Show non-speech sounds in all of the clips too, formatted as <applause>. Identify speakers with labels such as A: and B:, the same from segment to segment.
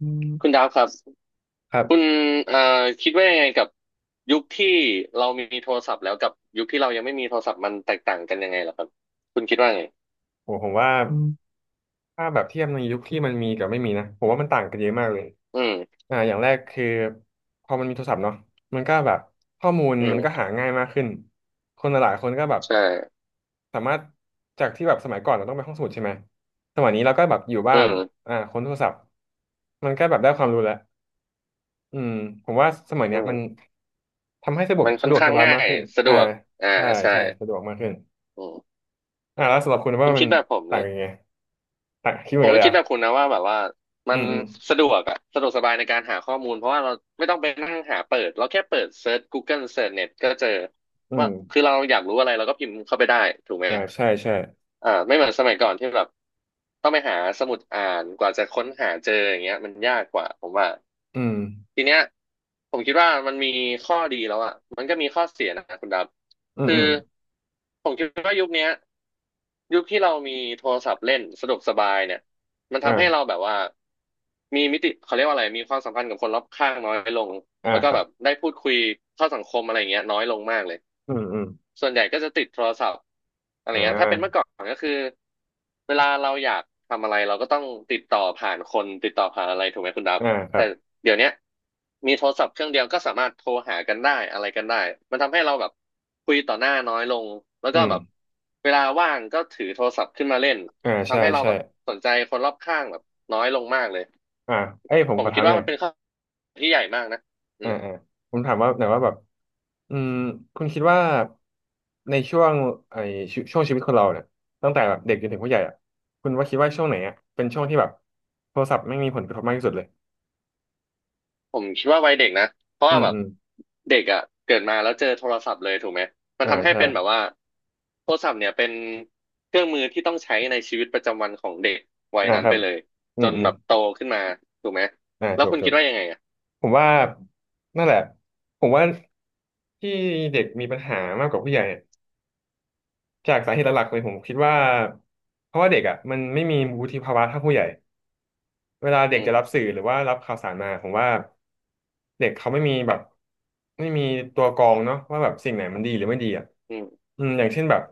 A: อื
B: คุณ
A: ม
B: ดาวครับ
A: ครั
B: คุณ
A: บ
B: เอ่อคิดว่ายังไงกับยุคที่เรามีโทรศัพท์แล้วกับยุคที่เรายังไม่มีโทรศัพท์มันแตกต่างกันยังไงล่ะครับคุณคิดว่าไง
A: ผมว่าถ้าแบบเทียบในยุคที่มันมีกับไม่มีนะผมว่ามันต่างกันเยอะมากเลย
B: อืม
A: อ่าอย่างแรกคือพอมันมีโทรศัพท์เนาะมันก็แบบข้อมูล
B: อื
A: มันก็
B: ม
A: หาง่ายมากขึ้นคนหลายๆคนก็แบบ
B: ใช่
A: สามารถจากที่แบบสมัยก่อนเราต้องไปห้องสมุดใช่ไหมสมัยนี้เราก็แบบอยู่
B: อื
A: บ้าน
B: ม
A: อ่าค้นโทรศัพท์มันก็แบบได้ความรู้แล้วอืมผมว่าสมัย
B: อื
A: เนี้ย
B: ม
A: มันทำให้สะดวก
B: มันค่อนข้า
A: ส
B: ง
A: บาย
B: ง่า
A: มาก
B: ย
A: ขึ้น
B: สะด
A: อ่า
B: วกอ่า
A: ใช่
B: ใช่
A: ใช่สะดวกมากขึ้น
B: อืม
A: อ่าแล้วสำหรับคุณ
B: คุ
A: ว่า
B: ณ
A: มั
B: คิ
A: น
B: ดแบบผม
A: ต่า
B: เล
A: ง
B: ย
A: ยังไง อ่ะคิดเห
B: ผ
A: มือน
B: ม
A: กัน
B: ก็
A: เลย
B: คิดแบบคุณ
A: อ่ะ
B: นะว่าแบบว่ามั
A: อื
B: น
A: มอืม
B: สะดวกอะสะดวกสบายในการหาข้อมูลเพราะว่าเราไม่ต้องไปนั่งหาเปิดเราแค่เปิดเซิร์ช Google เซิร์ชเน็ตก็เจอ
A: อื
B: ว่า
A: ม
B: คือเราอยากรู้อะไรเราก็พิมพ์เข้าไปได้ถูกไหม
A: อ่าใช่ใช่
B: อ่าไม่เหมือนสมัยก่อนที่แบบต้องไปหาสมุดอ่านกว่าจะค้นหาเจออย่างเงี้ยมันยากกว่าผมว่า
A: อืม
B: ทีเนี้ยผมคิดว่ามันมีข้อดีแล้วอ่ะมันก็มีข้อเสียนะคุณดับ
A: อืม
B: คื
A: อื
B: อ
A: ม
B: ผมคิดว่ายุคเนี้ย ยุคที่เรามีโทรศัพท์เล่นสะดวกสบายเนี่ยมันทำให้เรา
A: อ่า
B: แบบว่ามีมิติเขาเรียกว่าอะไรมีความสัมพันธ์กับคนรอบข้างน้อยลง
A: อ่า
B: แล้ว
A: ค
B: ก็
A: รั
B: แบ
A: บ
B: บได้พูดคุยเข้าสังคมอะไรอย่างเงี้ยน้อยลงมากเลย
A: อืมอืม
B: ส่วนใหญ่ก็จะติดโทรศัพท์อะไร
A: อ่
B: เงี้ยถ้าเป็นเมื่อ
A: า
B: ก่อนก็คือเวลาเราอยากทำอะไรเราก็ต้องติดต่อผ่านคนติดต่อผ่านอะไรถูกไหมคุณดับ
A: อ่าครั
B: แต่
A: บ
B: เดี๋ยวเนี้ยมีโทรศัพท์เครื่องเดียวก็สามารถโทรหากันได้อะไรกันได้ มันทำให้เราแบบคุยต่อหน้าน้อยลง แล้วก็
A: อืม
B: แบบเวลาว่างก็ถือโทรศัพท์ขึ้นมาเล่น
A: อ่าใช่
B: ทำให้เรา
A: ใช่
B: แบบสนใจคนรอบข้างแบบน้อยลงมากเลย
A: อ่าเอ้ยผม
B: ผ
A: ข
B: ม
A: อถา
B: คิด
A: มห
B: ว่า
A: น่อย
B: มันเป็นข้อที่ใหญ่มากนะอื
A: อ่า
B: ม
A: อ่าผมถามว่าหน่อยว่าแบบอืมคุณคิดว่าในช่วงไอ้ช่วงชีวิตคนเราเนี่ยตั้งแต่แบบเด็กจนถึงผู้ใหญ่อ่ะคุณว่าคิดว่าช่วงไหนอ่ะเป็นช่วงที่แบบโทรศัพท์ไม่มีผลกระทบมากที่สุดเลย
B: ผมคิดว่าวัยเด็กนะเพราะ
A: อื
B: ว่า
A: ม
B: แบบ
A: อืม
B: เด็กอ่ะเกิดมาแล้วเจอโทรศัพท์เลยถูกไหมมัน
A: อ่า
B: ทำให้
A: ใช่
B: เป็นแบบว่าโทรศัพท์เนี่ยเป็นเครื่องมือที่ต้องใช้ในชีวิตประจำวันของเด็กวัย
A: อ่า
B: นั้น
A: ครั
B: ไป
A: บ
B: เลย
A: อื
B: จ
A: ม
B: น
A: อืม
B: แบบโตขึ้นมาถูกไหม
A: อ่า
B: แล้ว
A: ถูก
B: คุณ
A: ถู
B: คิด
A: ก
B: ว่ายังไงอ่ะ
A: ผมว่านั่นแหละผมว่าที่เด็กมีปัญหามากกว่าผู้ใหญ่เนี่ยจากสาเหตุหลักๆเลยผมคิดว่าเพราะว่าเด็กอ่ะมันไม่มีวุฒิภาวะเท่าผู้ใหญ่เวลาเด็
B: อื
A: กจะรับ
B: ม
A: สื่อหรือว่ารับข่าวสารมาผมว่าเด็กเขาไม่มีแบบไม่มีตัวกรองเนาะว่าแบบสิ่งไหนมันดีหรือไม่ดีอ่ะ
B: อืม
A: อืมอย่างเช่นแบบ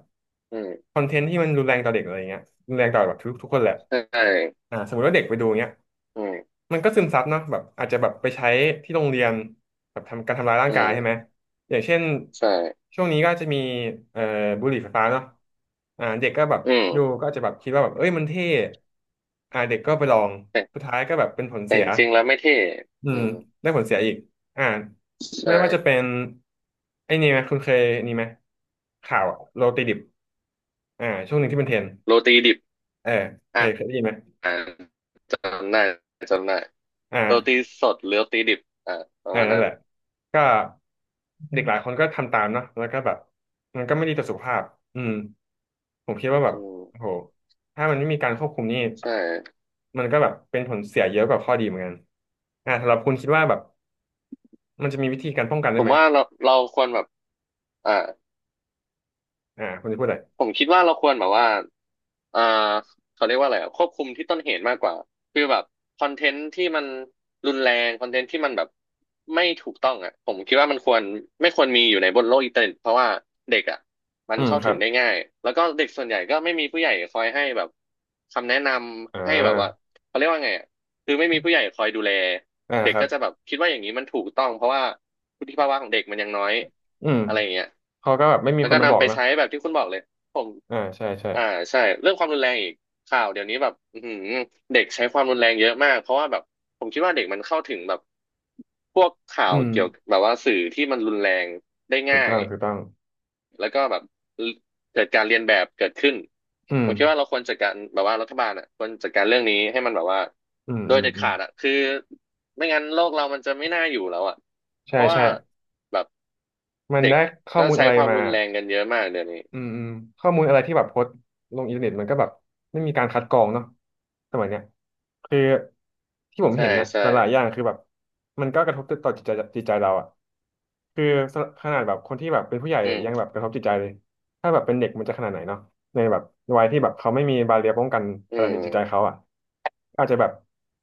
B: อื
A: ค
B: ม
A: อนเทนต์ที่มันรุนแรงต่อเด็กอะไรเงี้ยรุนแรงต่อแบบทุกคนแหละ
B: ใช่
A: อ่าสมมติว่าเด็กไปดูเงี้ย
B: อืม
A: มันก็ซึมซับเนาะแบบอาจจะแบบไปใช้ที่โรงเรียนแบบทำการทำร้ายร่าง
B: อื
A: กายใช่ไหม
B: ม
A: อย่างเช่น
B: ใช่
A: ช่วงนี้ก็จะมีเอ่อบุหรี่ไฟฟ้าเนาะอ่าเด็กก็แบบ
B: อื
A: ดู
B: ม
A: ก็อาจจะแบบคิดว่าแบบเอ้ยมันเท่อ่าเด็กก็ไปลอง
B: แต่
A: สุดท้ายก็แบบเป็นผล
B: แต่
A: เสีย
B: จริงๆแล้วไม่เท่
A: อื
B: อื
A: ม
B: ม
A: ได้ผลเสียอีกอ่า
B: ใช่
A: ไม่ว่าจะเป็นไอ้นี่ไหมคุณเคยนี่ไหมข่าวอะโรตีดิบอ่าช่วงหนึ่งที่เป็นเทรนด์
B: โรตีดิบ
A: เออเค
B: อ่า
A: ยได้ยินไหม
B: จำได้จำได้
A: อ
B: โรตี
A: ่า
B: สดหรือโรตีดิบอ่าป
A: เอ
B: ระ
A: อ
B: มาณ
A: นั่น
B: นั้น
A: แหละก็เด็กหลายคนก็ทำตามเนาะแล้วก็แบบมันก็ไม่ดีต่อสุขภาพอืมผมคิดว่าแบ
B: อ
A: บโอ้โห
B: ืม
A: ถ้ามันไม่มีการควบคุมนี่
B: ใช่
A: มันก็แบบเป็นผลเสียเยอะกว่าข้อดีเหมือนกันอ่าสำหรับคุณคิดว่าแบบมันจะมีวิธีการป้องกัน
B: ผ
A: ได้
B: ม
A: ไหม
B: ว่าเราควรแบบอ่า
A: อ่าคุณจะพูดอะไร
B: ผมคิดว่าเราควรแบบว่าเอ่อเขาเรียกว่าอะไรอะควบคุมที่ต้นเหตุมากกว่าคือแบบคอนเทนต์ที่มันรุนแรงคอนเทนต์ที่มันแบบไม่ถูกต้องอ่ะผมคิดว่ามันควรไม่ควรมีอยู่ในบนโลกอินเทอร์เน็ตเพราะว่าเด็กอ่ะมัน
A: อืม
B: เข้า
A: ค
B: ถึ
A: รั
B: ง
A: บ
B: ได้ง่ายแล้วก็เด็กส่วนใหญ่ก็ไม่มีผู้ใหญ่คอยให้แบบคำแนะน
A: อ่
B: ำให้แบบว่า
A: า
B: เขาเรียกว่าไงอ่ะคือไม่มีผู้ใหญ่คอยดูแล
A: อ่า
B: เด็
A: ค
B: ก
A: รับ
B: ก็จะแบบคิดว่าอย่างนี้มันถูกต้องเพราะว่าวุฒิภาวะของเด็กมันยังน้อย
A: อืม
B: อะไรอย่างเงี้ย
A: เขาก็แบบไม่มี
B: แล้ว
A: คน
B: ก็
A: มาบอ
B: นำ
A: ก
B: ไป
A: เนอะ
B: ใช้แบบที่คุณบอกเลย ผม
A: อ่าใช่ใช่
B: อ่าใช่เรื่องความรุนแรงอีกข่าวเดี๋ยวนี้แบบอือหือเด็กใช้ความรุนแรงเยอะมากเพราะว่าแบบผมคิดว่าเด็กมันเข้าถึงแบบพวกข่า
A: อื
B: ว
A: ม
B: เกี่ยวกับแบบว่าสื่อที่มันรุนแรงได้
A: ถู
B: ง่า
A: ก
B: ย
A: ต้องถูกต้อง
B: แล้วก็แบบเกิดการเรียนแบบเกิดขึ้น
A: อื
B: ผ
A: ม
B: มคิดว่าเราควรจัดการแบบว่ารัฐบาลอ่ะควรจัดการเรื่องนี้ให้มันแบบว่า
A: อืม
B: โด
A: อื
B: ย
A: ม
B: เด็ด
A: อืม
B: ขาดอ่ะคือไม่งั้นโลกเรามันจะไม่น่าอยู่แล้วอ่ะเพ
A: ใช่
B: ราะว่า
A: ใช่
B: แบบ
A: มัน
B: เด็ก
A: ได้ข้อ
B: ก็
A: มูล
B: ใช้
A: อะไร
B: ความ
A: มา
B: รุนแรงกันเยอะมากเดี๋ยวนี้
A: อืมอืมข้อมูลอะไรที่แบบโพสต์ลงอินเทอร์เน็ตมันก็แบบไม่มีการคัดกรองเนาะสมัยเนี้ยคือที่ผม
B: ใช่
A: เห็นนะ
B: ใช่
A: หลายๆอย่างคือแบบมันก็กระทบต่อจิตใจเราอะคือขนาดแบบคนที่แบบเป็นผู้ใหญ่
B: อื
A: ยังแบ
B: ม
A: บกระทบจิตใจเลยถ้าแบบเป็นเด็กมันจะขนาดไหนเนาะในแบบวัยที่แบบเขาไม่มีบาเรียร์ป้องกัน
B: อื
A: อะไรในจิตใจ
B: ม
A: เขาอะอาจจะแบบ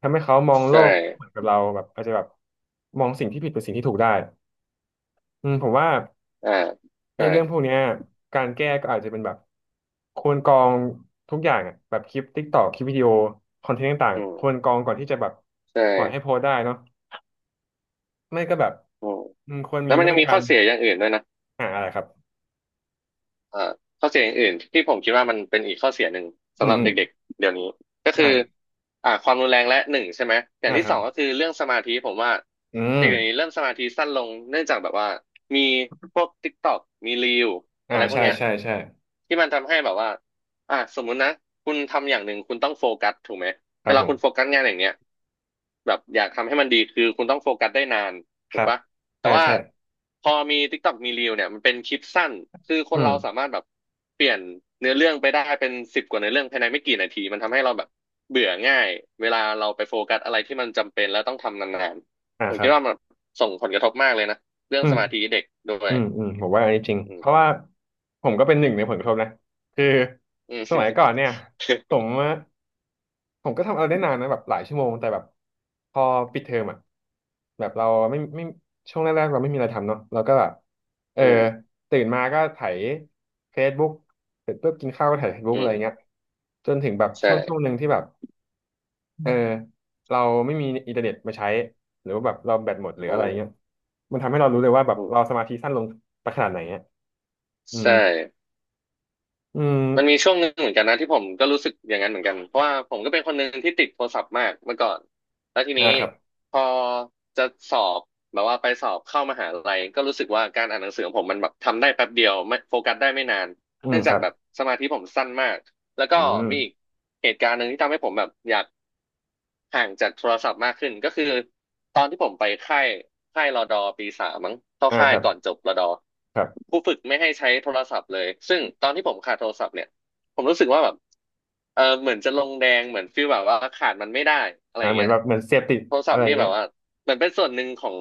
A: ทำให้เขามองโล
B: ใช่
A: กไม่เหมือนกับเราแบบอาจจะแบบมองสิ่งที่ผิดเป็นสิ่งที่ถูกได้อืมผมว่า
B: อ่า
A: ไอ้
B: ใช่
A: เรื่องพวกเนี้ยการแก้ก็อาจจะเป็นแบบควรกรองทุกอย่างอะแบบคลิปติ๊กตอกคลิปวิดีโอคอนเทนต์ต่าง
B: อื
A: ๆคว
B: ม
A: รกรองก่อนที่จะแบบ
B: ใช่
A: ปล่อยให้โพสต์ได้เนาะไม่ก็แบบ
B: อืม
A: อืมควร
B: แล้
A: มี
B: วมัน
A: มา
B: ยั
A: ต
B: ง
A: ร
B: มี
A: กา
B: ข้อ
A: ร
B: เสียอย่างอื่นด้วยนะ
A: อ่าอะไรครับ
B: เอ่อข้อเสียอื่นๆที่ผมคิดว่ามันเป็นอีกข้อเสียหนึ่ง
A: อื
B: สำ
A: ม
B: หรับ
A: อืม
B: เด็กๆเดี๋ยวนี้ก็คือ
A: อ่า
B: อ่าความรุนแรงและหนึ่งใช่ไหมอย่าง
A: อ่า
B: ที่
A: ครั
B: สอ
A: บ
B: งก็คือเรื่องสมาธิผมว่า
A: อื
B: เด็กเดี๋ยว
A: ม
B: นี้เริ่มสมาธิสั้นลงเนื่องจากแบบว่ามีพวก TikTok มี Reel
A: อ่า
B: อะไรพวก
A: ใช่
B: เนี้ย
A: ใช่ใช่
B: ที่มันทำให้แบบว่าอ่าสมมุตินะคุณทำอย่างหนึ่งคุณต้องโฟกัสถูกไหม
A: ค
B: เว
A: รับ
B: ลา
A: ผ
B: คุณโฟ
A: ม
B: กัสงานอย่างเนี้ยแบบอยากทำให้มันดีคือคุณต้องโฟกัสได้นาน
A: ค
B: ถู
A: รั
B: ก
A: บ
B: ปะ แต่
A: ใช่
B: ว่า
A: ใช่
B: พอมี TikTok มี Reel เนี่ยมันเป็นคลิปสั้นคือค
A: อื
B: น
A: ม
B: เราสามารถแบบเปลี่ยนเนื้อเรื่องไปได้เป็นสิบกว่าเนื้อเรื่องภายในไม่กี่นาทีมันทำให้เราแบบเบื่อง่ายเวลาเราไปโฟกัสอะไรที่มันจำเป็นแล้วต้องทำนาน
A: อ่า
B: ๆผม
A: ครั
B: คิด
A: บ
B: ว่ามันส่งผลกระทบมากเลยนะเรื่อ
A: อื
B: งส
A: ม
B: มาธิเด็กด้ว
A: อื
B: ย
A: มอืมผมว่าอันนี้จริง
B: อื
A: เพ
B: ม
A: ราะว่าผมก็เป็นหนึ่งในผลกระทบนะคือ
B: อืม
A: สมัยก่อนเนี่ยผม
B: <laughs>
A: อะผมก็ทำอะไรได้นานนะแบบหลายชั่วโมงแต่แบบพอปิดเทอมอ่ะแบบเราไม่ช่วงแรกๆเราไม่มีอะไรทำเนาะเราก็แบบเออ
B: อืม
A: ตื่นมาก็ไถ Facebook เสร็จปุ๊บกินข้าวก็ไถ Facebook
B: อื
A: อะไรเงี้
B: ม
A: ยจนถึงแบบ
B: ใช่
A: ช่วงหนึ่งที่แบบ เออเราไม่มีอินเทอร์เน็ตมาใช้หรือว่าแบบเราแบตหมดหรือ
B: อื
A: อะไรเงี้ย
B: ม
A: มันทำให้เรารู้เลยว่าแบบ
B: อื
A: เรา
B: ม
A: สมาธิสั้นลงไปขนาดไหนอ่ะอืม
B: ใช่
A: อืม
B: มันมีช่วงหนึ่งเหมือนกันนะที่ผมก็รู้สึกอย่างนั้นเหมือนกันเพราะว่าผมก็เป็นคนหนึ่งที่ติดโทรศัพท์มากเมื่อก่อนแล้วที
A: อ่า
B: นี้
A: ครับ
B: พอจะสอบแบบว่าไปสอบเข้ามหาลัยก็รู้สึกว่าการอ่านหนังสือของผมมันแบบทำได้แป๊บเดียวไม่โฟกัสได้ไม่นาน
A: อืม
B: เนื่อง
A: ค
B: จาก
A: รับ
B: แบบสมาธิผมสั้นมากแล้วก็
A: อืม
B: มีอีกเหตุการณ์หนึ่งที่ทำให้ผมแบบอยาก ห่างจากโทรศัพท์มากขึ้นก็คือตอนที่ผมไปค่ายค่ายรดอปีสามมั้งเข้า
A: อ่า
B: ค่า
A: ค
B: ย
A: รับ
B: ก่อนจบรดอ
A: ครับ
B: ผู้ฝึกไม่ให้ใช้โทรศัพท์เลยซึ่งตอนที่ผมขาดโทรศัพท์เนี่ยผมรู้สึกว่าแบบเออเหมือนจะลงแดงเหมือนฟีลแบบว่าขาดมันไม่ได้อะไร
A: อ่า
B: อย่าง
A: เหมือ
B: เงี้
A: น
B: ย
A: แบบเหมือนเสพติด
B: โทรศั
A: อะ
B: พ
A: ไร
B: ท์นี่แบ
A: เงี้ย
B: บว่าเหมือนเป็นส่วนหนึ่งของ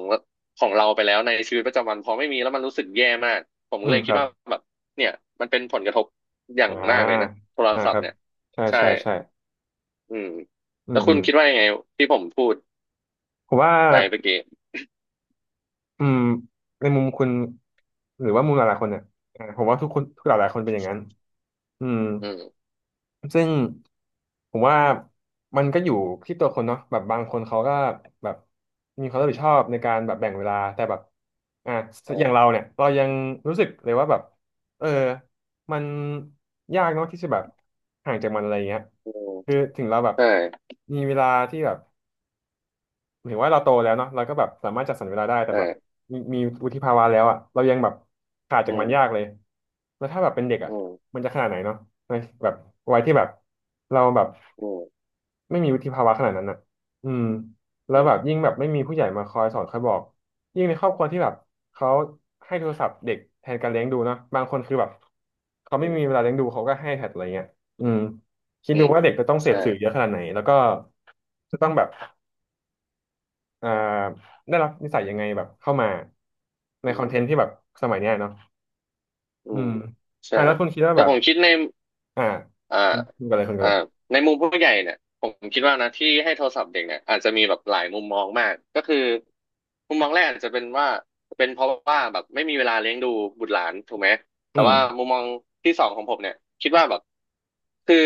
B: ของเราไปแล้วในชีวิตประจำวันพอไม่มีแล้วมันรู้สึกแย่มากผม
A: อื
B: เล
A: ม
B: ย
A: ค
B: คิด
A: รับ
B: ว่าแบบเนี่ยมันเป็นผลกระทบอย่า
A: อ่
B: งมากเลยนะ
A: า
B: โทร
A: อ่า
B: ศัพ
A: ค
B: ท์
A: รับ
B: เนี่ย
A: ใช่
B: ใช่
A: ใช่ใช่
B: อืม
A: อื
B: แล้
A: ม
B: วคุ
A: อื
B: ณ
A: ม
B: คิดว่ายังไงที่ผมพูด
A: ผมว่า
B: ไปเมื่อกี้
A: อืมในมุมคุณหรือว่ามุมหลายๆคนเนี่ยอ่าผมว่าทุกคนทุกหลายๆคนเป็นอย่างนั้นอืม
B: อืม
A: ซึ่งผมว่ามันก็อยู่ที่ตัวคนเนาะแบบบางคนเขาก็แบบมีความรับผิดชอบในการแบบแบ่งเวลาแต่แบบอ่ะ
B: เอ
A: อย่างเรา
B: อ
A: เนี่ยเรายังรู้สึกเลยว่าแบบเออมันยากเนาะที่จะแบบห่างจากมันอะไรเงี้ย
B: อืม
A: คือถึงเราแบบ
B: ใช่
A: มีเวลาที่แบบ ถึงว่าเราโตแล้วเนาะเราก็แบบสามารถจัดสรรเวลาได้แต่
B: ใช่
A: แบบมีวุฒิภาวะแล้วอ่ะเรายังแบบขาดจา
B: อื
A: กมัน
B: ม
A: ยากเลยแล้วถ้าแบบเป็นเด็กอ่ะ
B: อืม
A: มันจะขนาดไหนเนาะในแบบวัยที่แบบเราแบบ
B: อืม
A: ไม่มีวุฒิภาวะขนาดนั้นอ่ะอืมแล้
B: อื
A: ว
B: ม
A: แบบยิ่งแบบไม่มีผู้ใหญ่มาคอยสอนคอยบอกยิ่งในครอบครัวที่แบบเขาให้โทรศัพท์เด็กแทนการเลี้ยงดูเนาะบางคนคือแบบเขา
B: อื
A: ไม่
B: ม
A: มีเวลาเลี้ยงดูเขาก็ให้แทนอะไรเงี้ยอืมคิด
B: อื
A: ดู
B: ม
A: ว่าเด็กจะต้องเส
B: ใช่
A: พสื่อเยอะขนาดไหนแล้วก็จะต้องแบบ เอ่อได้รับนิสัยยังไงแบบเข้ามาใน
B: อื
A: คอนเท
B: ม
A: นต์ที่แบบสมัยเนี้ยเนาะ
B: อื
A: อื
B: ม
A: ม
B: ใช่
A: อ่าแล้วคุณคิดว่า
B: แต่
A: แบ
B: ผ
A: บ
B: มคิดใน
A: อ่า
B: อ่า
A: คุณคุณกันเลยคุณกัน
B: อ่า
A: เลย
B: ในมุมผู้ใหญ่เนี่ยผมคิดว่านะที่ให้โทรศัพท์เด็กเนี่ยอาจจะมีแบบหลายมุมมองมากก็คือมุมมองแรกอาจจะเป็นว่าเป็นเพราะว่าแบบไม่มีเวลาเลี้ยงดูบุตรหลานถูกไหม
A: อื
B: แต่
A: ม
B: ว่ามุมมองที่สองของผมเนี่ยคิดว่าแบบคือ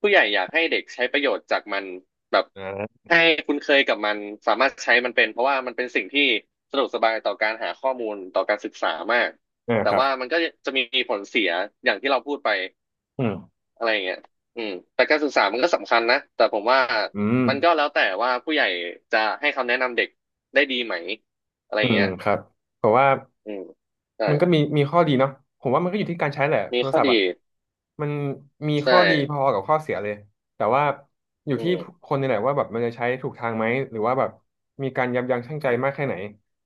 B: ผู้ใหญ่อยากให้เด็กใช้ประโยชน์จากมันแบบ
A: อ่า
B: ให้คุ้นเคยกับมันสามารถใช้มันเป็นเพราะว่ามันเป็นสิ่งที่สะดวกสบายต่อการหาข้อมูลต่อการศึกษามาก
A: อ่า
B: แต่
A: ครับ
B: ว่ามันก็จะมีผลเสียอย่างที่เราพูดไป
A: อืม
B: อะไรอย่างเงี้ยอืมแต่การศึกษามันก็สำคัญนะ แต่ผมว่า
A: อืม
B: มันก็แล้วแต่ว่าผู้ใหญ่จะให้คำแนะนำเด็กได้ดีไหม อะไรอ
A: อื
B: ย่าง
A: ม
B: เงี้ย
A: ครับผมว่า
B: อืมใช่
A: มันก็มีข้อดีเนาะผมว่ามันก็อยู่ที่การใช้แหละโท
B: มี
A: ร
B: ข้อ
A: ศัพท์
B: ดี
A: อ่ะมันมี
B: ใช่
A: ข้อดีพอกับข้อเสียเลยแต่ว่าอยู่
B: อื
A: ที่
B: ม
A: คนนี่แหละว่าแบบมันจะใช้ถูกทางไหมหรือว่าแบบมีการยับยั้งชั่งใจ
B: อืม
A: มากแค่ไหน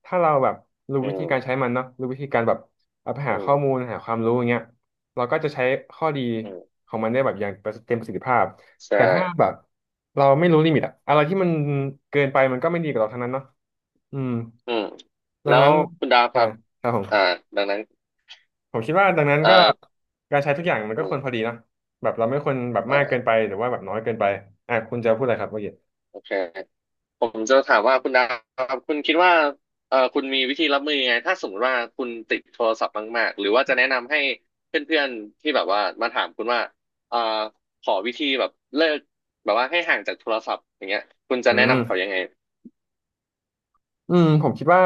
A: ถ้าเราแบบรู้
B: อื
A: วิธีการใช้
B: ม
A: มันเนาะรู้วิธีการแบบเอาไป
B: อื
A: หาข้อมูล
B: ม
A: หาความรู้อย่างเงี้ยเราก็จะใช้ข้อดี
B: อืม
A: ของมันได้แบบอย่างเต็มประสิทธิภาพ
B: ใช่
A: แต่ถ้าแบบเราไม่รู้ลิมิตอะอะไรที่มันเกินไปมันก็ไม่ดีกับเราทั้งนั้นเนาะอืม
B: อืม
A: ดัง
B: แล้ว
A: นั้น
B: คุณดาวค
A: อ่า
B: รับ
A: ครับผ
B: อ่า
A: ม
B: ดังนั้น
A: ผมคิดว่าดังนั้นก็
B: อ่า
A: การใช้ทุกอย่างมัน
B: อื
A: ก็ควรพอ
B: ม
A: ดีเนาะแบบเราไม่ควรแบบ
B: อ่
A: มากเกินไป
B: า
A: หรือว่าแบบน้อยเกินไปอ่ะคุณจะพูดอะไรครับเมื่อกี้
B: โอเค ผมจะถามว่าคุณดาวครับคุณคิดว่าคุณมีวิธีรับมือยังไงถ้าสมมติว่าคุณติดโทรศัพท์มากๆหรือว่าจะแนะนำให้เพื่อนๆที่แบบว่ามาถามคุณว่าเอ่อขอวิธีแบบเลิกแบบว่าให้ห่างจากโทรศัพท์อย่างเงี้ยคุณจะ
A: อื
B: แนะนำเขายั
A: ม
B: งไง
A: อืมผมคิดว่า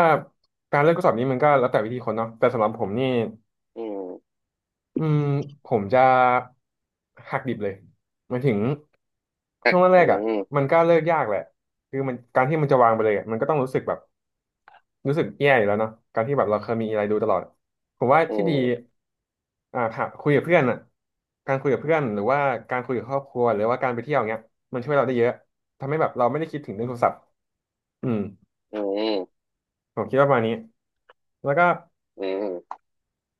A: การเลือกข้อสอบนี้มันก็แล้วแต่วิธีคนเนาะแต่สำหรับผมนี่
B: อืม
A: อืมผมจะหักดิบเลยหมายถึงช่วงแร
B: อื
A: กๆอ่ะมัน
B: ม
A: ก็เลิกยากแหละคือมันการที่มันจะวางไปเลยอะมันก็ต้องรู้สึกแบบ รู้สึกแย่อยู่แล้วเนาะการที่แบบเราเคยมีอะไรดูตลอดผมว่า
B: อื
A: ที่ดี
B: ม
A: อ่าค่ะคุยกับเพื่อนอ่ะการคุยกับเพื่อนหรือว่าการคุยกับครอบครัวหรือว่าการไปเที่ยวเงี้ยมันช่วยเราได้เยอะทำให้แบบเราไม่ได้คิดถึงเรื่องโทรศัพท์อืม
B: อืม
A: ผมคิดว่าประมาณนี้แล้วก็
B: อืม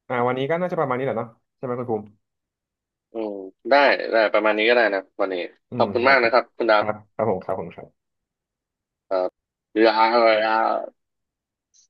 A: อ่าวันนี้ก็น่าจะประมาณนี้แหละเนาะใช่ไหมคุณภูมิ
B: อืมได้ได้ประมาณนี้ก็ได้นะวันนี้
A: อื
B: ขอ
A: ม
B: บคุณ
A: ครับ
B: มาก
A: ครั
B: นะ
A: บ
B: ครับคุณดา
A: ค
B: ว
A: รับครับผมครับผมครับ
B: ครับเอ่อ